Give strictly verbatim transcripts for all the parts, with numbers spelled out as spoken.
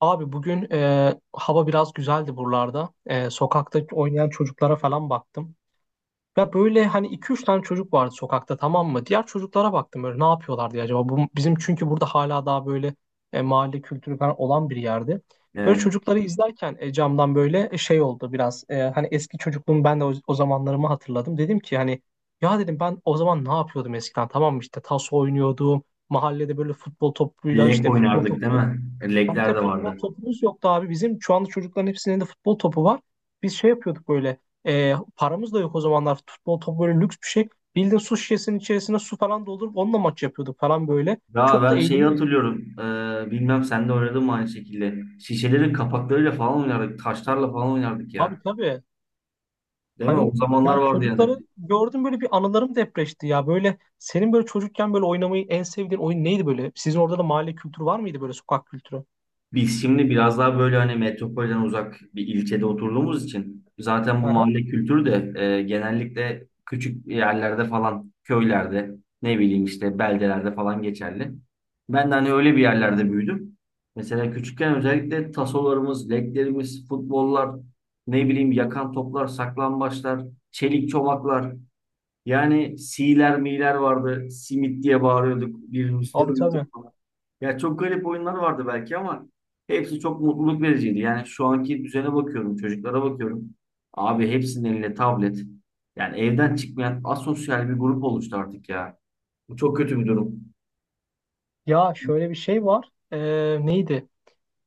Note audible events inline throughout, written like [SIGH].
Abi bugün e, hava biraz güzeldi buralarda. E, sokakta oynayan çocuklara falan baktım. Ya böyle hani iki üç tane çocuk vardı sokakta, tamam mı? Diğer çocuklara baktım böyle ne yapıyorlar diye acaba. Bu, bizim çünkü burada hala daha böyle e, mahalle kültürü falan olan bir yerde. Böyle Evet. çocukları izlerken e, camdan böyle e, şey oldu biraz. E, hani eski çocukluğum, ben de o, o zamanlarımı hatırladım. Dedim ki hani ya, dedim, ben o zaman ne yapıyordum eskiden, tamam mı? İşte taso oynuyordum. Mahallede böyle futbol topuyla, Lek işte futbol oynardık değil topu. mi? Abi bir Lekler de de futbol vardı. topumuz yoktu abi. Bizim şu anda çocukların hepsinin de futbol topu var. Biz şey yapıyorduk böyle. E, paramız da yok o zamanlar. Futbol topu böyle lüks bir şey. Bildiğin su şişesinin içerisine su falan doldurup onunla maç yapıyorduk falan böyle. Ya Çok da ben şeyi eğleniyorduk. hatırlıyorum. Ee, bilmem sen de oynadın mı aynı şekilde. Şişelerin kapaklarıyla falan oynardık. Taşlarla falan oynardık Abi ya. tabii. Değil mi? O Hani zamanlar ya, vardı yani. çocukları gördüm böyle, bir anılarım depreşti ya. Böyle senin böyle çocukken böyle oynamayı en sevdiğin oyun neydi böyle? Sizin orada da mahalle kültürü var mıydı, böyle sokak kültürü? Biz şimdi biraz daha böyle hani metropolden uzak bir ilçede oturduğumuz için zaten bu Aha. mahalle kültürü de e, genellikle küçük yerlerde falan köylerde ne bileyim işte beldelerde falan geçerli. Ben de hani öyle bir yerlerde büyüdüm. Mesela küçükken özellikle tasolarımız, leklerimiz, futbollar, ne bileyim yakan toplar, saklambaçlar, çelik çomaklar. Yani siler miler vardı. Simit diye bağırıyorduk. Birbirimizi Abi tabii. dövüyorduk. Ya çok garip oyunlar vardı belki ama hepsi çok mutluluk vericiydi. Yani şu anki düzene bakıyorum, çocuklara bakıyorum. Abi hepsinin elinde tablet. Yani evden çıkmayan asosyal bir grup oluştu artık ya. Bu çok kötü bir durum. Ya şöyle bir şey var. Ee, neydi?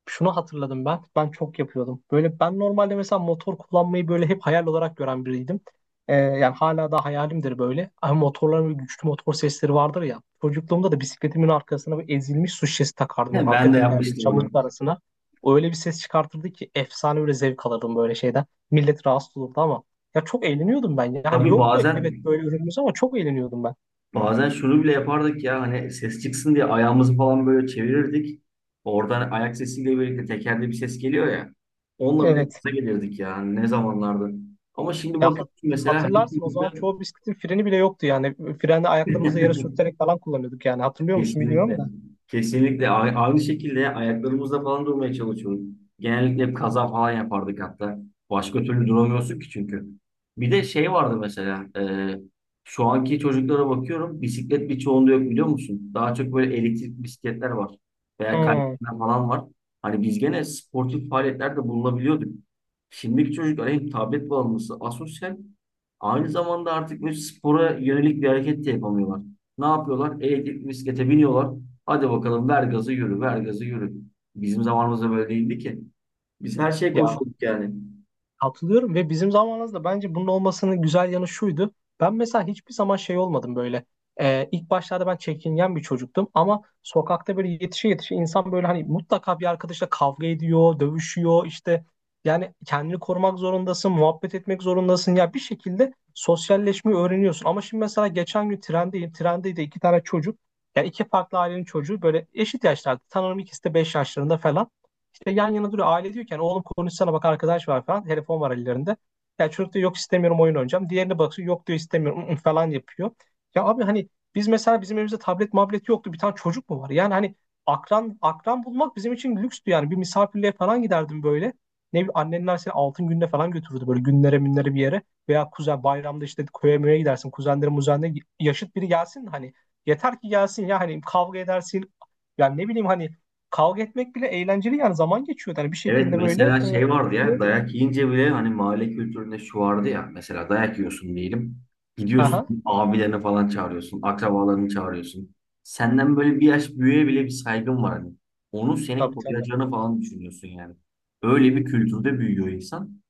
Şunu hatırladım ben. Ben çok yapıyordum. Böyle ben normalde mesela motor kullanmayı böyle hep hayal olarak gören biriydim. Ee, yani hala da hayalimdir böyle. Ama motorların böyle güçlü motor sesleri vardır ya. Çocukluğumda da bisikletimin arkasına bir ezilmiş su şişesi takardım. Böyle [LAUGHS] arka Ben de tekerleği yapmıştım onu. çamurluk arasına. O öyle bir ses çıkartırdı ki, efsane, böyle zevk alırdım böyle şeyden. Millet rahatsız olurdu ama. Ya çok eğleniyordum ben. Yani Tabii yoktu, evet, bazen böyle ürünümüz, ama çok eğleniyordum ben. bazen şunu bile yapardık ya hani ses çıksın diye ayağımızı falan böyle çevirirdik. Oradan ayak sesiyle birlikte tekerde bir ses geliyor ya. Onunla bile Evet. gaza gelirdik yani ne zamanlardı. Ama şimdi Ya bakıyorsun hat- mesela. hatırlarsın, o zaman çoğu bisikletin freni bile yoktu yani. Freni [LAUGHS] ayaklarımızı her yere sürterek falan kullanıyorduk yani. Hatırlıyor musun bilmiyorum Kesinlikle. da. Kesinlikle. A- Aynı şekilde ayaklarımızla falan durmaya çalışıyorum. Genellikle hep kaza falan yapardık hatta. Başka türlü duramıyorsun ki çünkü. Bir de şey vardı mesela. E, şu anki çocuklara bakıyorum. Bisiklet birçoğunda yok biliyor musun? Daha çok böyle elektrik bisikletler var. Veya Hmm. kaydıraklar falan var. Hani biz gene sportif faaliyetlerde bulunabiliyorduk. Şimdiki çocuklar hem tablet bağımlısı, asosyal. Aynı zamanda artık böyle spora yönelik bir hareket de yapamıyorlar. Ne yapıyorlar? Elektrik bisiklete biniyorlar. Hadi bakalım ver gazı yürü, ver gazı yürü. Bizim zamanımızda böyle değildi ki. Biz her şeye Ya koşuyorduk yani. katılıyorum, ve bizim zamanımızda bence bunun olmasının güzel yanı şuydu. Ben mesela hiçbir zaman şey olmadım böyle. Ee, ilk başlarda ben çekingen bir çocuktum, ama sokakta böyle yetişe yetişe insan böyle hani mutlaka bir arkadaşla kavga ediyor, dövüşüyor işte. Yani kendini korumak zorundasın, muhabbet etmek zorundasın. Ya bir şekilde sosyalleşmeyi öğreniyorsun. Ama şimdi mesela geçen gün trendeyim. Trende de iki tane çocuk. Yani iki farklı ailenin çocuğu böyle eşit yaşlarda. Sanırım ikisi de beş yaşlarında falan. İşte yan yana duruyor. Aile diyorken, oğlum konuşsana, bak arkadaş var falan. Telefon var ellerinde. Ya çocuk diyor yok, istemiyorum, oyun oynayacağım. Diğerine bakıyor, yok diyor, istemiyorum, [LAUGHS] ı-ı falan yapıyor. Ya abi hani biz mesela, bizim evimizde tablet mablet yoktu. Bir tane çocuk mu var? Yani hani akran akran bulmak bizim için lükstü yani. Bir misafirliğe falan giderdim böyle. Ne bileyim, annenler seni altın gününe falan götürürdü, böyle günlere minlere bir yere. Veya kuzen, bayramda işte köye möye gidersin. Kuzenlerin muzenlerin yaşıt biri gelsin hani. Yeter ki gelsin ya, hani kavga edersin. Yani ne bileyim hani, kavga etmek bile eğlenceli, yani zaman geçiyor. Yani bir Evet, şekilde böyle mesela e, şey vardı şey ya, oluyordu. dayak yiyince bile hani mahalle kültüründe şu vardı ya, mesela dayak yiyorsun diyelim. Gidiyorsun Aha, abilerini falan çağırıyorsun, akrabalarını çağırıyorsun. Senden böyle bir yaş büyüğe bile bir saygın var hani. Onun seni tabii tabii. koruyacağını falan düşünüyorsun yani. Öyle bir kültürde büyüyor insan.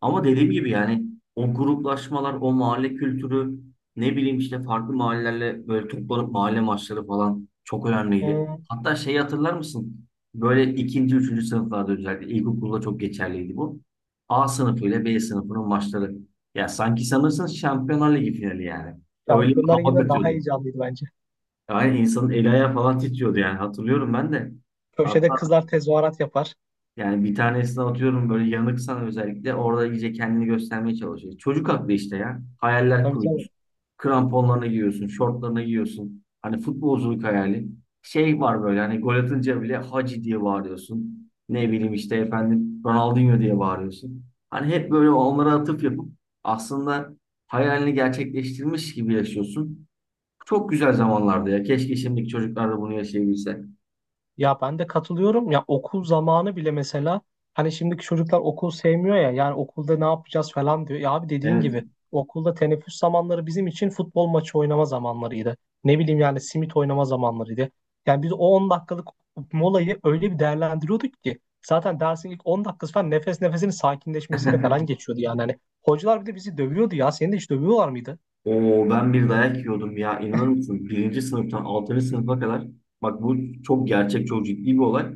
Ama dediğim gibi yani o gruplaşmalar, o mahalle kültürü, ne bileyim işte farklı mahallelerle böyle toplanıp mahalle maçları falan çok E, önemliydi. Hatta şeyi hatırlar mısın? Böyle ikinci, üçüncü sınıflarda özellikle ilkokulda çok geçerliydi bu. A sınıfı ile B sınıfının maçları. Ya sanki sanırsın Şampiyonlar Ligi finali yani. Öyle bir Şampiyonlar hava yine daha katıyordu. heyecanlıydı bence. Yani insanın eli ayağı falan titriyordu yani hatırlıyorum ben de. Köşede kızlar tezahürat yapar. Yani bir tanesini atıyorum, böyle yanıksan özellikle orada iyice kendini göstermeye çalışıyor. Çocuk aklı işte ya. Hayaller Tabii tabii. kuruyorsun. Kramponlarını giyiyorsun, şortlarını giyiyorsun. Hani futbolculuk hayali. Şey var böyle hani gol atınca bile Hacı diye bağırıyorsun. Ne bileyim işte efendim Ronaldinho diye bağırıyorsun. Hani hep böyle onlara atıf yapıp aslında hayalini gerçekleştirmiş gibi yaşıyorsun. Çok güzel zamanlardı ya. Keşke şimdiki çocuklar da bunu yaşayabilse. Ya ben de katılıyorum. Ya okul zamanı bile mesela, hani şimdiki çocuklar okul sevmiyor ya. Yani okulda ne yapacağız falan diyor. Ya abi, dediğin Evet. gibi okulda teneffüs zamanları bizim için futbol maçı oynama zamanlarıydı. Ne bileyim yani, simit oynama zamanlarıydı. Yani biz o on dakikalık molayı öyle bir değerlendiriyorduk ki, zaten dersin ilk on dakikası falan nefes nefesinin sakinleşmesiyle falan [LAUGHS] geçiyordu yani. Hani hocalar bir de bizi dövüyordu ya. Seni de hiç dövüyorlar mıydı? Oo, ben bir dayak yiyordum ya, inanır mısın? Birinci sınıftan altıncı sınıfa kadar, bak bu çok gerçek, çok ciddi bir olay.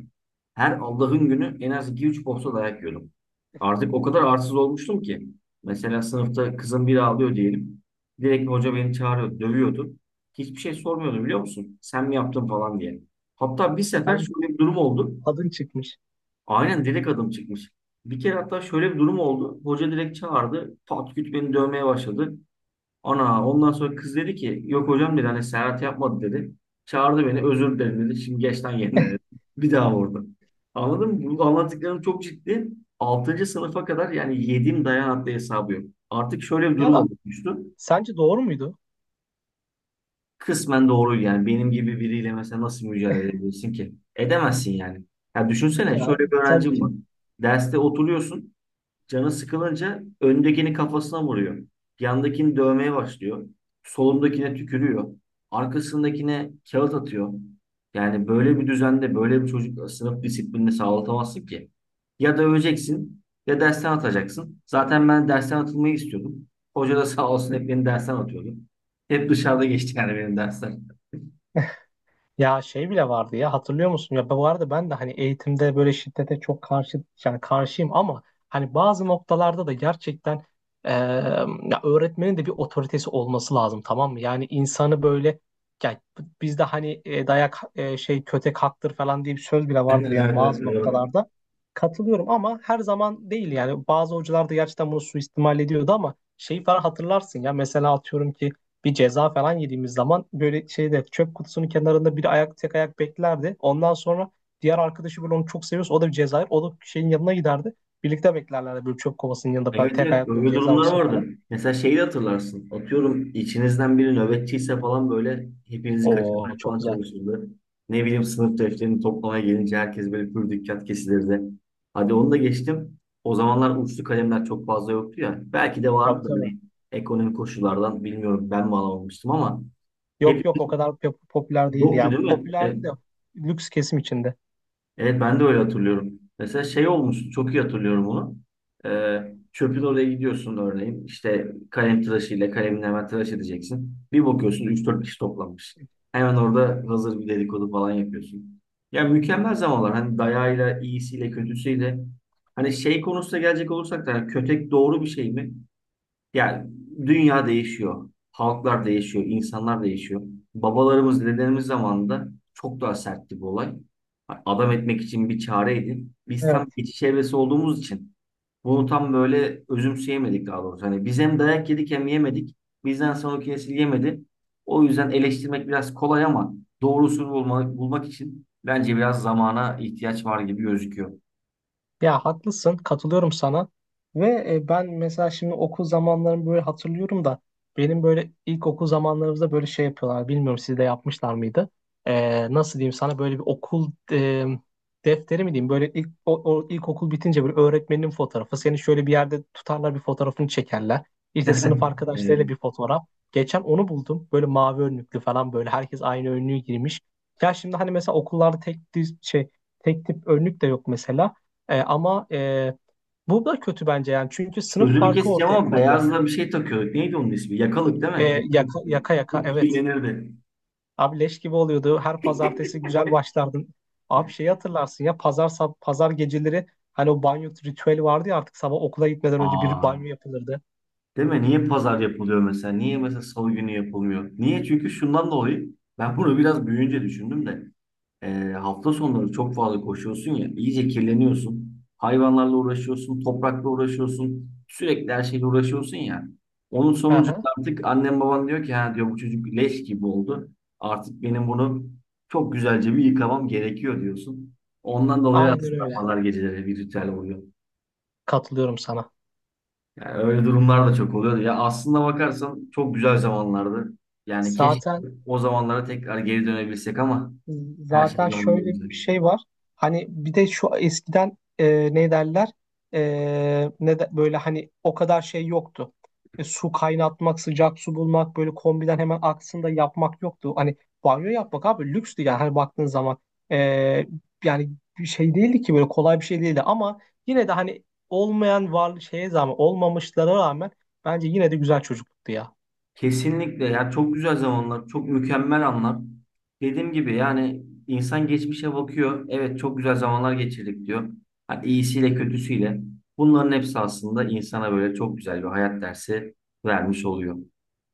Her Allah'ın günü en az iki üç posta dayak yiyordum. Artık o kadar arsız olmuştum ki. Mesela sınıfta kızım biri ağlıyor diyelim. Direkt hoca beni çağırıyor, dövüyordu. Hiçbir şey sormuyordu biliyor musun? Sen mi yaptın falan diye. Hatta bir sefer Ben şöyle bir durum oldu. Adın çıkmış. Aynen direkt adım çıkmış. Bir kere hatta şöyle bir durum oldu. Hoca direkt çağırdı. Pat küt beni dövmeye başladı. Ana ondan sonra kız dedi ki yok hocam dedi, hani Serhat yapmadı dedi. Çağırdı beni, özür dilerim dedi. Şimdi geç lan yerine dedi. Bir daha vurdu. Anladın mı? Bu anlattıklarım çok ciddi. Altıncı sınıfa kadar yani yediğim dayan adlı hesabı yok. Artık şöyle bir durum Ya oluştu. sence doğru muydu? Kısmen doğru, yani benim gibi biriyle mesela nasıl mücadele [LAUGHS] edebilirsin ki? Edemezsin yani. Ya düşünsene, Ya şöyle bir öğrencim var. sence. Derste oturuyorsun. Canı sıkılınca öndekini kafasına vuruyor. Yandakini dövmeye başlıyor. Solundakine tükürüyor. Arkasındakine kağıt atıyor. Yani böyle bir düzende böyle bir çocuk, sınıf disiplini sağlatamazsın ki. Ya döveceksin ya dersten atacaksın. Zaten ben dersten atılmayı istiyordum. Hoca da sağ olsun hep beni dersten atıyordu. Hep dışarıda geçti yani benim dersler. Ya şey bile vardı ya, hatırlıyor musun? Ya bu arada ben de hani eğitimde böyle şiddete çok karşı, yani karşıyım, ama hani bazı noktalarda da gerçekten eee, ya, öğretmenin de bir otoritesi olması lazım, tamam mı? Yani insanı böyle, ya, bizde hani e, dayak, e, şey, kötek haktır falan diye bir söz bile Evet, vardır evet, yani, evet, bazı doğru. noktalarda. Katılıyorum, ama her zaman değil, yani bazı hocalar da gerçekten bunu suistimal ediyordu. Ama şeyi falan hatırlarsın ya, mesela atıyorum ki bir ceza falan yediğimiz zaman böyle şeyde, çöp kutusunun kenarında bir ayak, tek ayak beklerdi. Ondan sonra diğer arkadaşı böyle onu çok seviyorsa o da bir ceza yer. O da şeyin yanına giderdi. Birlikte beklerlerdi böyle çöp kovasının yanında Evet, falan, evet, tek evet, ayak, böyle böyle ceza durumlar olsun vardı. falan. Mesela şeyi de hatırlarsın. Atıyorum içinizden biri nöbetçiyse falan böyle hepinizi kaçırmaya Oo çok falan güzel. çalışırdı. Ne bileyim sınıf defterini toplamaya gelince herkes böyle pür dikkat kesilirdi. Hadi onu da geçtim. O zamanlar uçlu kalemler çok fazla yoktu ya. Belki de Tabii vardı da tabii. hani ekonomik koşullardan bilmiyorum, ben mi alamamıştım ama Yok hep yok, o kadar pe- popüler değil yoktu ya. Bu değil mi? E, popülerdi de, lüks kesim içinde. Evet, ben de öyle hatırlıyorum. Mesela şey olmuştu, çok iyi hatırlıyorum onu. Ee, Çöpün oraya gidiyorsun örneğin. İşte kalem tıraşıyla kalemini hemen tıraş edeceksin. Bir bakıyorsun üç dört kişi toplanmış. Hemen orada hazır bir dedikodu falan yapıyorsun. Ya mükemmel zamanlar. Hani dayağıyla, iyisiyle, kötüsüyle. Hani şey konusunda gelecek olursak da, hani kötek doğru bir şey mi? Yani dünya değişiyor. Halklar değişiyor. İnsanlar değişiyor. Babalarımız, dedelerimiz zamanında çok daha sertti bu olay. Adam etmek için bir çare edin. Biz tam Evet. geçiş evresi olduğumuz için bunu tam böyle özümseyemedik, daha doğrusu. Hani biz hem dayak yedik hem yemedik. Bizden sonraki nesil yemedi. O yüzden eleştirmek biraz kolay ama doğrusunu bulmak, bulmak için bence biraz zamana ihtiyaç var gibi gözüküyor. Ya haklısın, katılıyorum sana. Ve e, ben mesela şimdi okul zamanlarımı böyle hatırlıyorum da, benim böyle ilk okul zamanlarımızda böyle şey yapıyorlar. Bilmiyorum siz de yapmışlar mıydı? Ee, nasıl diyeyim sana, böyle bir okul e, defteri mi diyeyim? Böyle ilk o, o ilkokul bitince böyle öğretmenin fotoğrafı. Seni şöyle bir yerde tutarlar, bir fotoğrafını çekerler. İşte sınıf arkadaşlarıyla Evet. bir fotoğraf. Geçen onu buldum. Böyle mavi önlüklü falan, böyle herkes aynı önlüğü girmiş. Ya şimdi hani mesela okullarda tek düz şey, tek tip önlük de yok mesela. E, ama e, bu da kötü bence, yani çünkü sınıf Sözünü farkı keseceğim ortaya ama koyuyor. beyazla bir şey takıyorduk. Neydi onun ismi? Yakalık değil mi? E, Yakalık. Yaka, yaka yaka, Hep evet. kirlenirdi. Abi leş gibi oluyordu. Her pazartesi güzel başlardın. Abi şeyi hatırlarsın ya, pazar sab- pazar geceleri hani o banyo ritüeli vardı ya, artık sabah okula gitmeden önce bir Aa, banyo yapılırdı. değil mi? Niye pazar yapılıyor mesela? Niye mesela salı günü yapılmıyor? Niye? Çünkü şundan dolayı, ben bunu biraz büyüyünce düşündüm de. E, hafta sonları çok fazla koşuyorsun ya, iyice kirleniyorsun. Hayvanlarla uğraşıyorsun, toprakla uğraşıyorsun. Sürekli her şeyle uğraşıyorsun ya. Onun sonucunda Aha, artık annem baban diyor ki, ha diyor, bu çocuk leş gibi oldu. Artık benim bunu çok güzelce bir yıkamam gerekiyor diyorsun. Ondan dolayı aynen aslında öyle. pazar geceleri bir ritüel oluyor. Katılıyorum sana. Yani öyle durumlar da çok oluyor. Ya aslında bakarsan çok güzel zamanlardı. Yani keşke Zaten o zamanlara tekrar geri dönebilsek ama her şey Zaten şöyle bir zamanında. şey var. Hani bir de şu, eskiden e, ne derler, E, ne de, böyle hani o kadar şey yoktu. E, su kaynatmak, sıcak su bulmak, böyle kombiden hemen aksında yapmak yoktu. Hani banyo yapmak abi lükstü yani, hani baktığın zaman. E, Yani bir şey değildi ki, böyle kolay bir şey değildi, ama yine de hani olmayan var şeye zaman olmamışlara rağmen bence yine de güzel çocukluktu ya. Kesinlikle ya, çok güzel zamanlar, çok mükemmel anlar. Dediğim gibi yani insan geçmişe bakıyor. Evet, çok güzel zamanlar geçirdik diyor. Hani iyisiyle kötüsüyle. Bunların hepsi aslında insana böyle çok güzel bir hayat dersi vermiş oluyor.